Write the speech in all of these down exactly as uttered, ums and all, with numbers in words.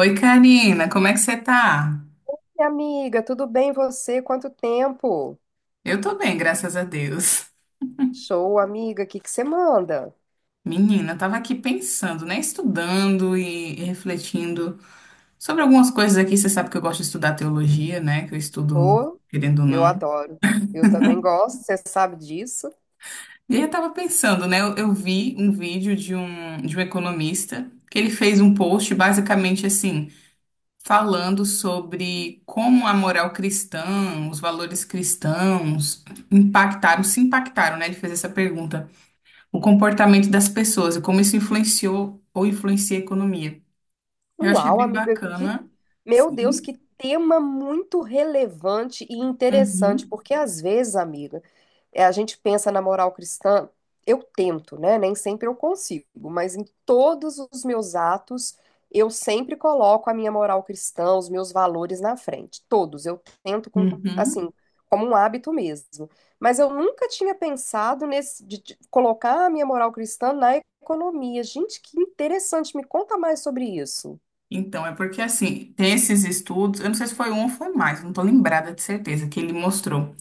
Oi, Karina, como é que você tá? E amiga, tudo bem você? Quanto tempo? Eu tô bem, graças a Deus. Show, amiga, o que que você manda? Menina, eu tava aqui pensando, né? Estudando e, e refletindo sobre algumas coisas aqui. Você sabe que eu gosto de estudar teologia, né? Que eu estudo, Ô, querendo ou eu não. adoro. Eu também gosto, você sabe disso. E aí eu tava pensando, né? Eu, eu vi um vídeo de um, de um economista que ele fez um post basicamente assim, falando sobre como a moral cristã, os valores cristãos impactaram, se impactaram, né? Ele fez essa pergunta. O comportamento das pessoas e como isso influenciou ou influencia a economia. Eu achei Uau, bem amiga, que bacana. Meu Deus, Sim. que tema muito relevante e interessante, Uhum. porque às vezes, amiga, é, a gente pensa na moral cristã, eu tento, né? Nem sempre eu consigo, mas em todos os meus atos, eu sempre coloco a minha moral cristã, os meus valores na frente. Todos, eu tento com, Uhum. assim, como um hábito mesmo. Mas eu nunca tinha pensado nesse de, de colocar a minha moral cristã na economia. Gente, que interessante, me conta mais sobre isso. Então, é porque assim, tem esses estudos, eu não sei se foi um ou foi mais, não estou lembrada de certeza, que ele mostrou.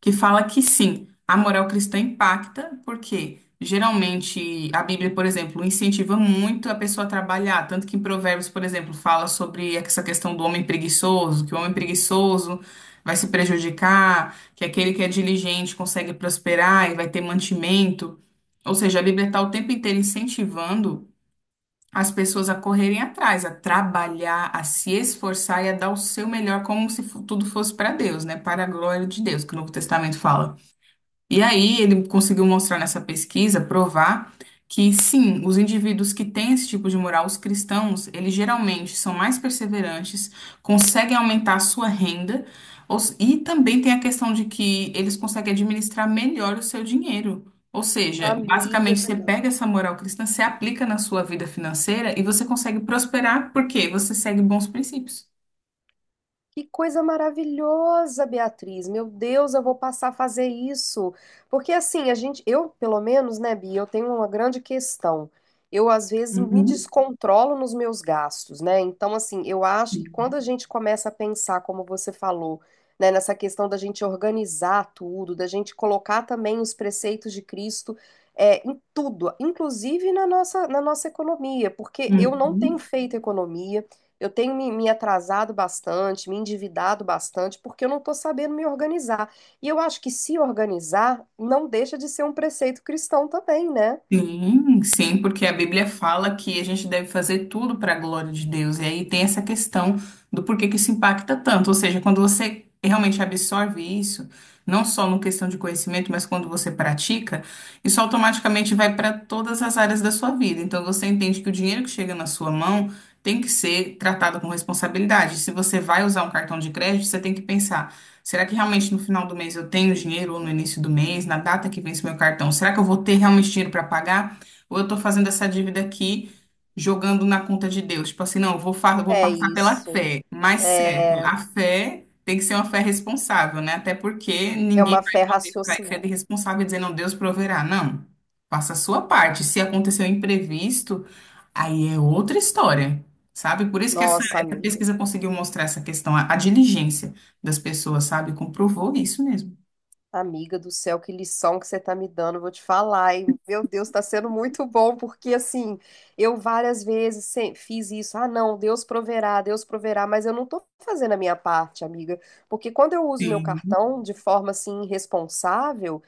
Que fala que sim, a moral cristã impacta, porque geralmente a Bíblia, por exemplo, incentiva muito a pessoa a trabalhar, tanto que em Provérbios, por exemplo, fala sobre essa questão do homem preguiçoso, que o homem preguiçoso vai se prejudicar, que aquele que é diligente consegue prosperar e vai ter mantimento. Ou seja, a Bíblia está o tempo inteiro incentivando as pessoas a correrem atrás, a trabalhar, a se esforçar e a dar o seu melhor, como se fu- tudo fosse para Deus, né? Para a glória de Deus, que o Novo Testamento fala. E aí ele conseguiu mostrar nessa pesquisa, provar que sim, os indivíduos que têm esse tipo de moral, os cristãos, eles geralmente são mais perseverantes, conseguem aumentar a sua renda, ou s- e também tem a questão de que eles conseguem administrar melhor o seu dinheiro. Ou seja, Amiga, basicamente que você pega essa moral cristã, você aplica na sua vida financeira e você consegue prosperar porque você segue bons princípios. Que coisa maravilhosa, Beatriz. Meu Deus, eu vou passar a fazer isso. Porque assim, a gente, eu, pelo menos, né, Bia, eu tenho uma grande questão. Eu às vezes me Uhum. descontrolo nos meus gastos, né? Então, assim, eu acho que quando a gente começa a pensar, como você falou, né, nessa questão da gente organizar tudo, da gente colocar também os preceitos de Cristo, é, em tudo, inclusive na nossa, na nossa economia, porque eu não tenho Uhum. feito economia. Eu tenho me, me atrasado bastante, me endividado bastante, porque eu não estou sabendo me organizar. E eu acho que se organizar não deixa de ser um preceito cristão também, né? Sim, sim, porque a Bíblia fala que a gente deve fazer tudo para a glória de Deus. E aí tem essa questão do porquê que isso impacta tanto. Ou seja, quando você realmente absorve isso, não só no questão de conhecimento, mas quando você pratica, isso automaticamente vai para todas as áreas da sua vida. Então você entende que o dinheiro que chega na sua mão tem que ser tratado com responsabilidade. Se você vai usar um cartão de crédito, você tem que pensar. Será que realmente no final do mês eu tenho dinheiro ou no início do mês, na data que vence meu cartão? Será que eu vou ter realmente dinheiro para pagar? Ou eu estou fazendo essa dívida aqui jogando na conta de Deus? Tipo assim, não, eu vou, fa- eu vou É passar pela isso. fé. Mas certo, É, a fé tem que ser uma fé responsável, né? Até porque é ninguém uma fé vai poder sair sendo raciocinada. irresponsável e dizer, não, Deus proverá. Não. Faça a sua parte. Se acontecer um imprevisto, aí é outra história, sabe? Por isso que essa, Nossa, essa amiga. pesquisa conseguiu mostrar essa questão, a, a diligência das pessoas, sabe? Comprovou isso mesmo. Amiga do céu, que lição que você tá me dando, eu vou te falar, hein? Meu Deus, tá sendo muito bom, porque assim, eu várias vezes sem- fiz isso. Ah, não, Deus proverá, Deus proverá, mas eu não tô fazendo a minha parte, amiga, porque quando eu uso meu Sim, cartão de forma assim irresponsável,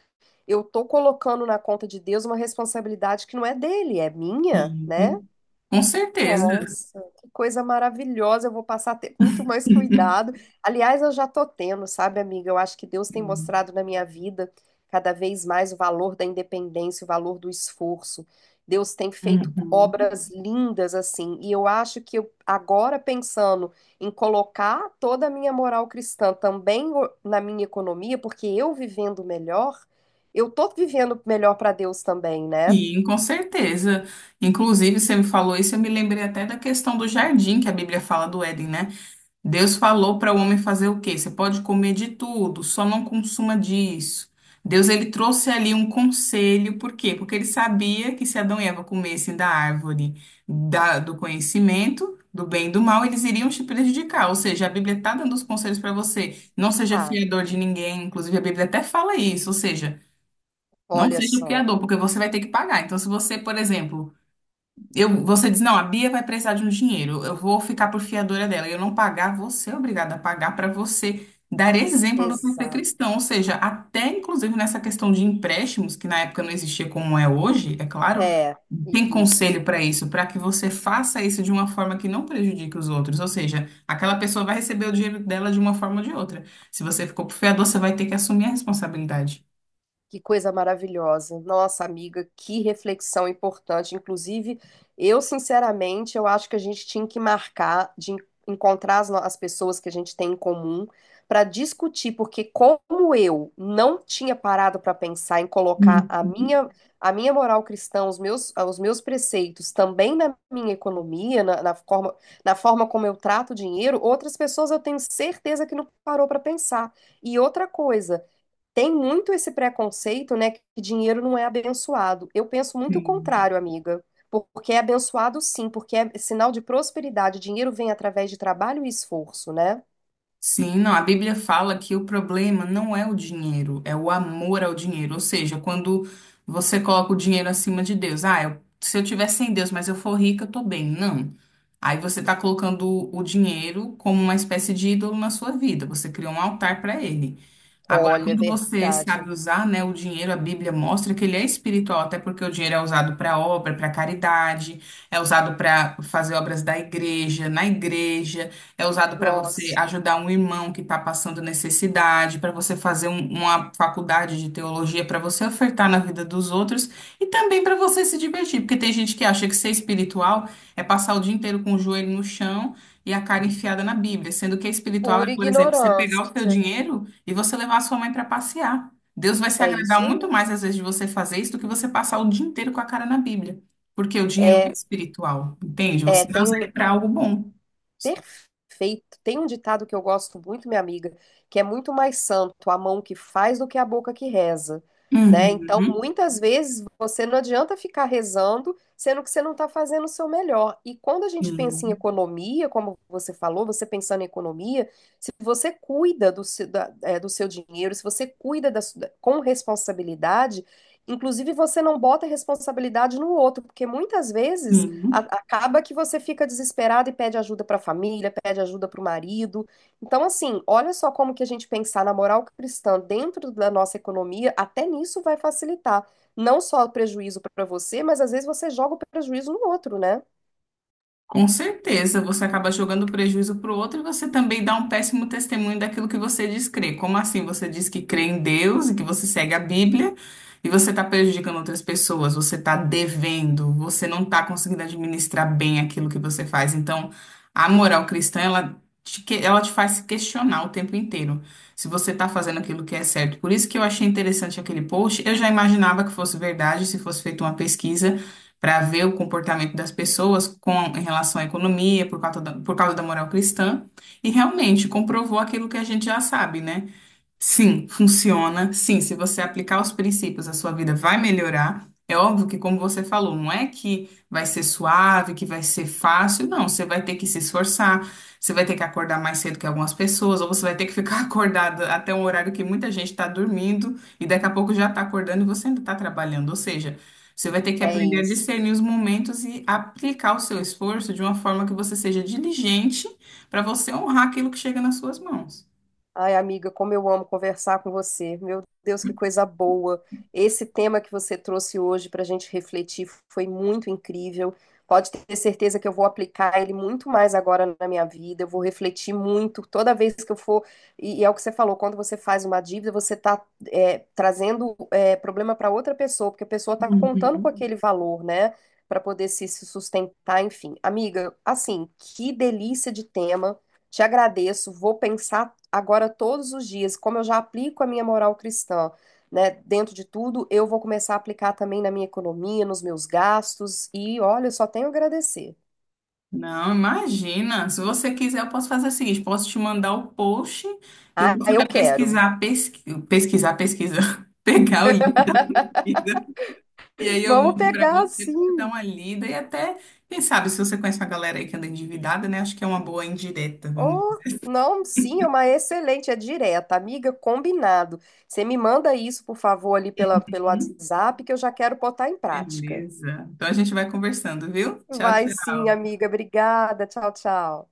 eu tô colocando na conta de Deus uma responsabilidade que não é dele, é minha, sim, né? com certeza. Nossa, que coisa maravilhosa. Eu vou passar a ter muito mais Sim. cuidado. Aliás, eu já tô tendo, sabe, amiga? Eu acho que Deus tem mostrado na minha vida cada vez mais o valor da independência, o valor do esforço. Deus tem feito Uhum. obras lindas assim, e eu acho que eu, agora pensando em colocar toda a minha moral cristã também o- na minha economia, porque eu vivendo melhor, eu tô vivendo melhor para Deus também, né? Sim, com certeza. Inclusive, você me falou isso, eu me lembrei até da questão do jardim que a Bíblia fala do Éden, né? Deus falou para o homem fazer o quê? Você pode comer de tudo, só não consuma disso. Deus ele trouxe ali um conselho, por quê? Porque ele sabia que se Adão e Eva comessem da árvore da- do conhecimento, do bem e do mal, eles iriam se prejudicar. Ou seja, a Bíblia está dando os conselhos para você. Não seja Tá, fiador de ninguém, inclusive a Bíblia até fala isso. Ou seja, não olha seja só. fiador, porque você vai ter que pagar. Então, se você, por exemplo, eu, você diz, não, a Bia vai precisar de um dinheiro, eu vou ficar por fiadora dela. E eu não pagar, você é obrigada a pagar para você dar exemplo do que é ser Exato. cristão. Ou seja, até inclusive nessa questão de empréstimos, que na época não existia como é hoje, é claro, É, tem isso. conselho para isso, para que você faça isso de uma forma que não prejudique os outros. Ou seja, aquela pessoa vai receber o dinheiro dela de uma forma ou de outra. Se você ficou por fiador, você vai ter que assumir a responsabilidade. Que coisa maravilhosa. Nossa, amiga, que reflexão importante. Inclusive, eu, sinceramente, eu acho que a gente tinha que marcar de en- encontrar as, no- as pessoas que a gente tem em comum para discutir, porque como eu não tinha parado para pensar em colocar a Uhum. minha, a minha moral cristã, os meus, ah, os meus preceitos também na minha economia, na, na forma, na forma como eu trato o dinheiro, outras pessoas eu tenho certeza que não parou para pensar. E outra coisa. Tem muito esse preconceito, né, que dinheiro não é abençoado. Eu penso muito o Sim. contrário, amiga. Porque é abençoado sim, porque é sinal de prosperidade. Dinheiro vem através de trabalho e esforço, né? Sim, não, a Bíblia fala que o problema não é o dinheiro, é o amor ao dinheiro. Ou seja, quando você coloca o dinheiro acima de Deus, ah, eu- se eu tiver sem Deus, mas eu for rica, eu tô bem. Não. Aí você tá colocando o dinheiro como uma espécie de ídolo na sua vida. Você criou um altar para ele. Agora, Olha, é quando você verdade. sabe usar, né, o dinheiro, a Bíblia mostra que ele é espiritual, até porque o dinheiro é usado para obra, para caridade, é usado para fazer obras da igreja, na igreja, é usado para você Nossa, ajudar um irmão que está passando necessidade, para você fazer um- uma faculdade de teologia, para você ofertar na vida dos outros e também para você se divertir, porque tem gente que acha que ser espiritual é passar o dia inteiro com o joelho no chão e a cara enfiada na Bíblia, sendo que espiritual é, pura por exemplo, você pegar o seu ignorância. dinheiro e você levar a sua mãe para passear. Deus vai se É agradar isso muito aí. mais às vezes de você fazer isso do que você passar o dia inteiro com a cara na Bíblia. Porque o dinheiro é É, espiritual, entende? é, Você não tem usa um ele para algo bom. Perfeito. Tem um ditado que eu gosto muito, minha amiga, que é muito mais santo a mão que faz do que a boca que reza, né? Então, Uhum. muitas vezes você não adianta ficar rezando, sendo que você não está fazendo o seu melhor. E quando a gente pensa em Sim, economia, como você falou, você pensando em economia, se você cuida do seu, da- é, do seu dinheiro, se você cuida da su- da- com responsabilidade, inclusive você não bota a responsabilidade no outro, porque muitas vezes a- sim. acaba que você fica desesperado e pede ajuda para a família, pede ajuda para o marido. Então, assim, olha só como que a gente pensar na moral cristã dentro da nossa economia, até nisso vai facilitar. Não só o prejuízo para você, mas às vezes você joga o prejuízo no outro, né? Com certeza, você acaba jogando prejuízo para o outro e você também dá um péssimo testemunho daquilo que você diz crer. Como assim você diz que crê em Deus e que você segue a Bíblia e você está prejudicando outras pessoas, você está devendo, você não está conseguindo administrar bem aquilo que você faz. Então, a moral cristã, ela te, que- ela te faz se questionar o tempo inteiro se você está fazendo aquilo que é certo. Por isso que eu achei interessante aquele post. Eu já imaginava que fosse verdade, se fosse feita uma pesquisa para ver o comportamento das pessoas com, em relação à economia, por causa da, por causa da moral cristã, e realmente comprovou aquilo que a gente já sabe, né? Sim, funciona. Sim, se você aplicar os princípios, a sua vida vai melhorar. É óbvio que, como você falou, não é que vai ser suave, que vai ser fácil, não. Você vai ter que se esforçar, você vai ter que acordar mais cedo que algumas pessoas, ou você vai ter que ficar acordada até um horário que muita gente está dormindo e daqui a pouco já está acordando e você ainda está trabalhando. Ou seja, você vai ter que É aprender a isso. discernir os momentos e aplicar o seu esforço de uma forma que você seja diligente para você honrar aquilo que chega nas suas mãos. Ai, amiga, como eu amo conversar com você. Meu Deus, que coisa boa. Esse tema que você trouxe hoje para a gente refletir foi muito incrível. Pode ter certeza que eu vou aplicar ele muito mais agora na minha vida. Eu vou refletir muito toda vez que eu for. E, e é o que você falou: quando você faz uma dívida, você está trazendo é, problema para outra pessoa, porque a pessoa está contando com Uhum. aquele valor, né? Para poder se se sustentar, enfim. Amiga, assim, que delícia de tema. Te agradeço, vou pensar agora todos os dias, como eu já aplico a minha moral cristã, né? Dentro de tudo, eu vou começar a aplicar também na minha economia, nos meus gastos, e olha, eu só tenho a agradecer. Não, imagina. Se você quiser, eu posso fazer o seguinte: posso te mandar o post e eu Ah, posso até eu quero. pesquisar, pesqui... pesquisar, pesquisar, pegar o link. E aí eu Vamos mando para pegar você, pra você dar sim. uma lida e até, quem sabe, se você conhece uma galera aí que anda endividada, né? Acho que é uma boa indireta. Vamos. Oh, não, sim, é uma excelente, é direta, amiga, combinado. Você me manda isso, por favor, ali pela, pelo Uhum. WhatsApp, que eu já quero botar em prática. Beleza. Então a gente vai conversando, viu? Tchau, Vai sim, tchau. amiga, obrigada. Tchau, tchau.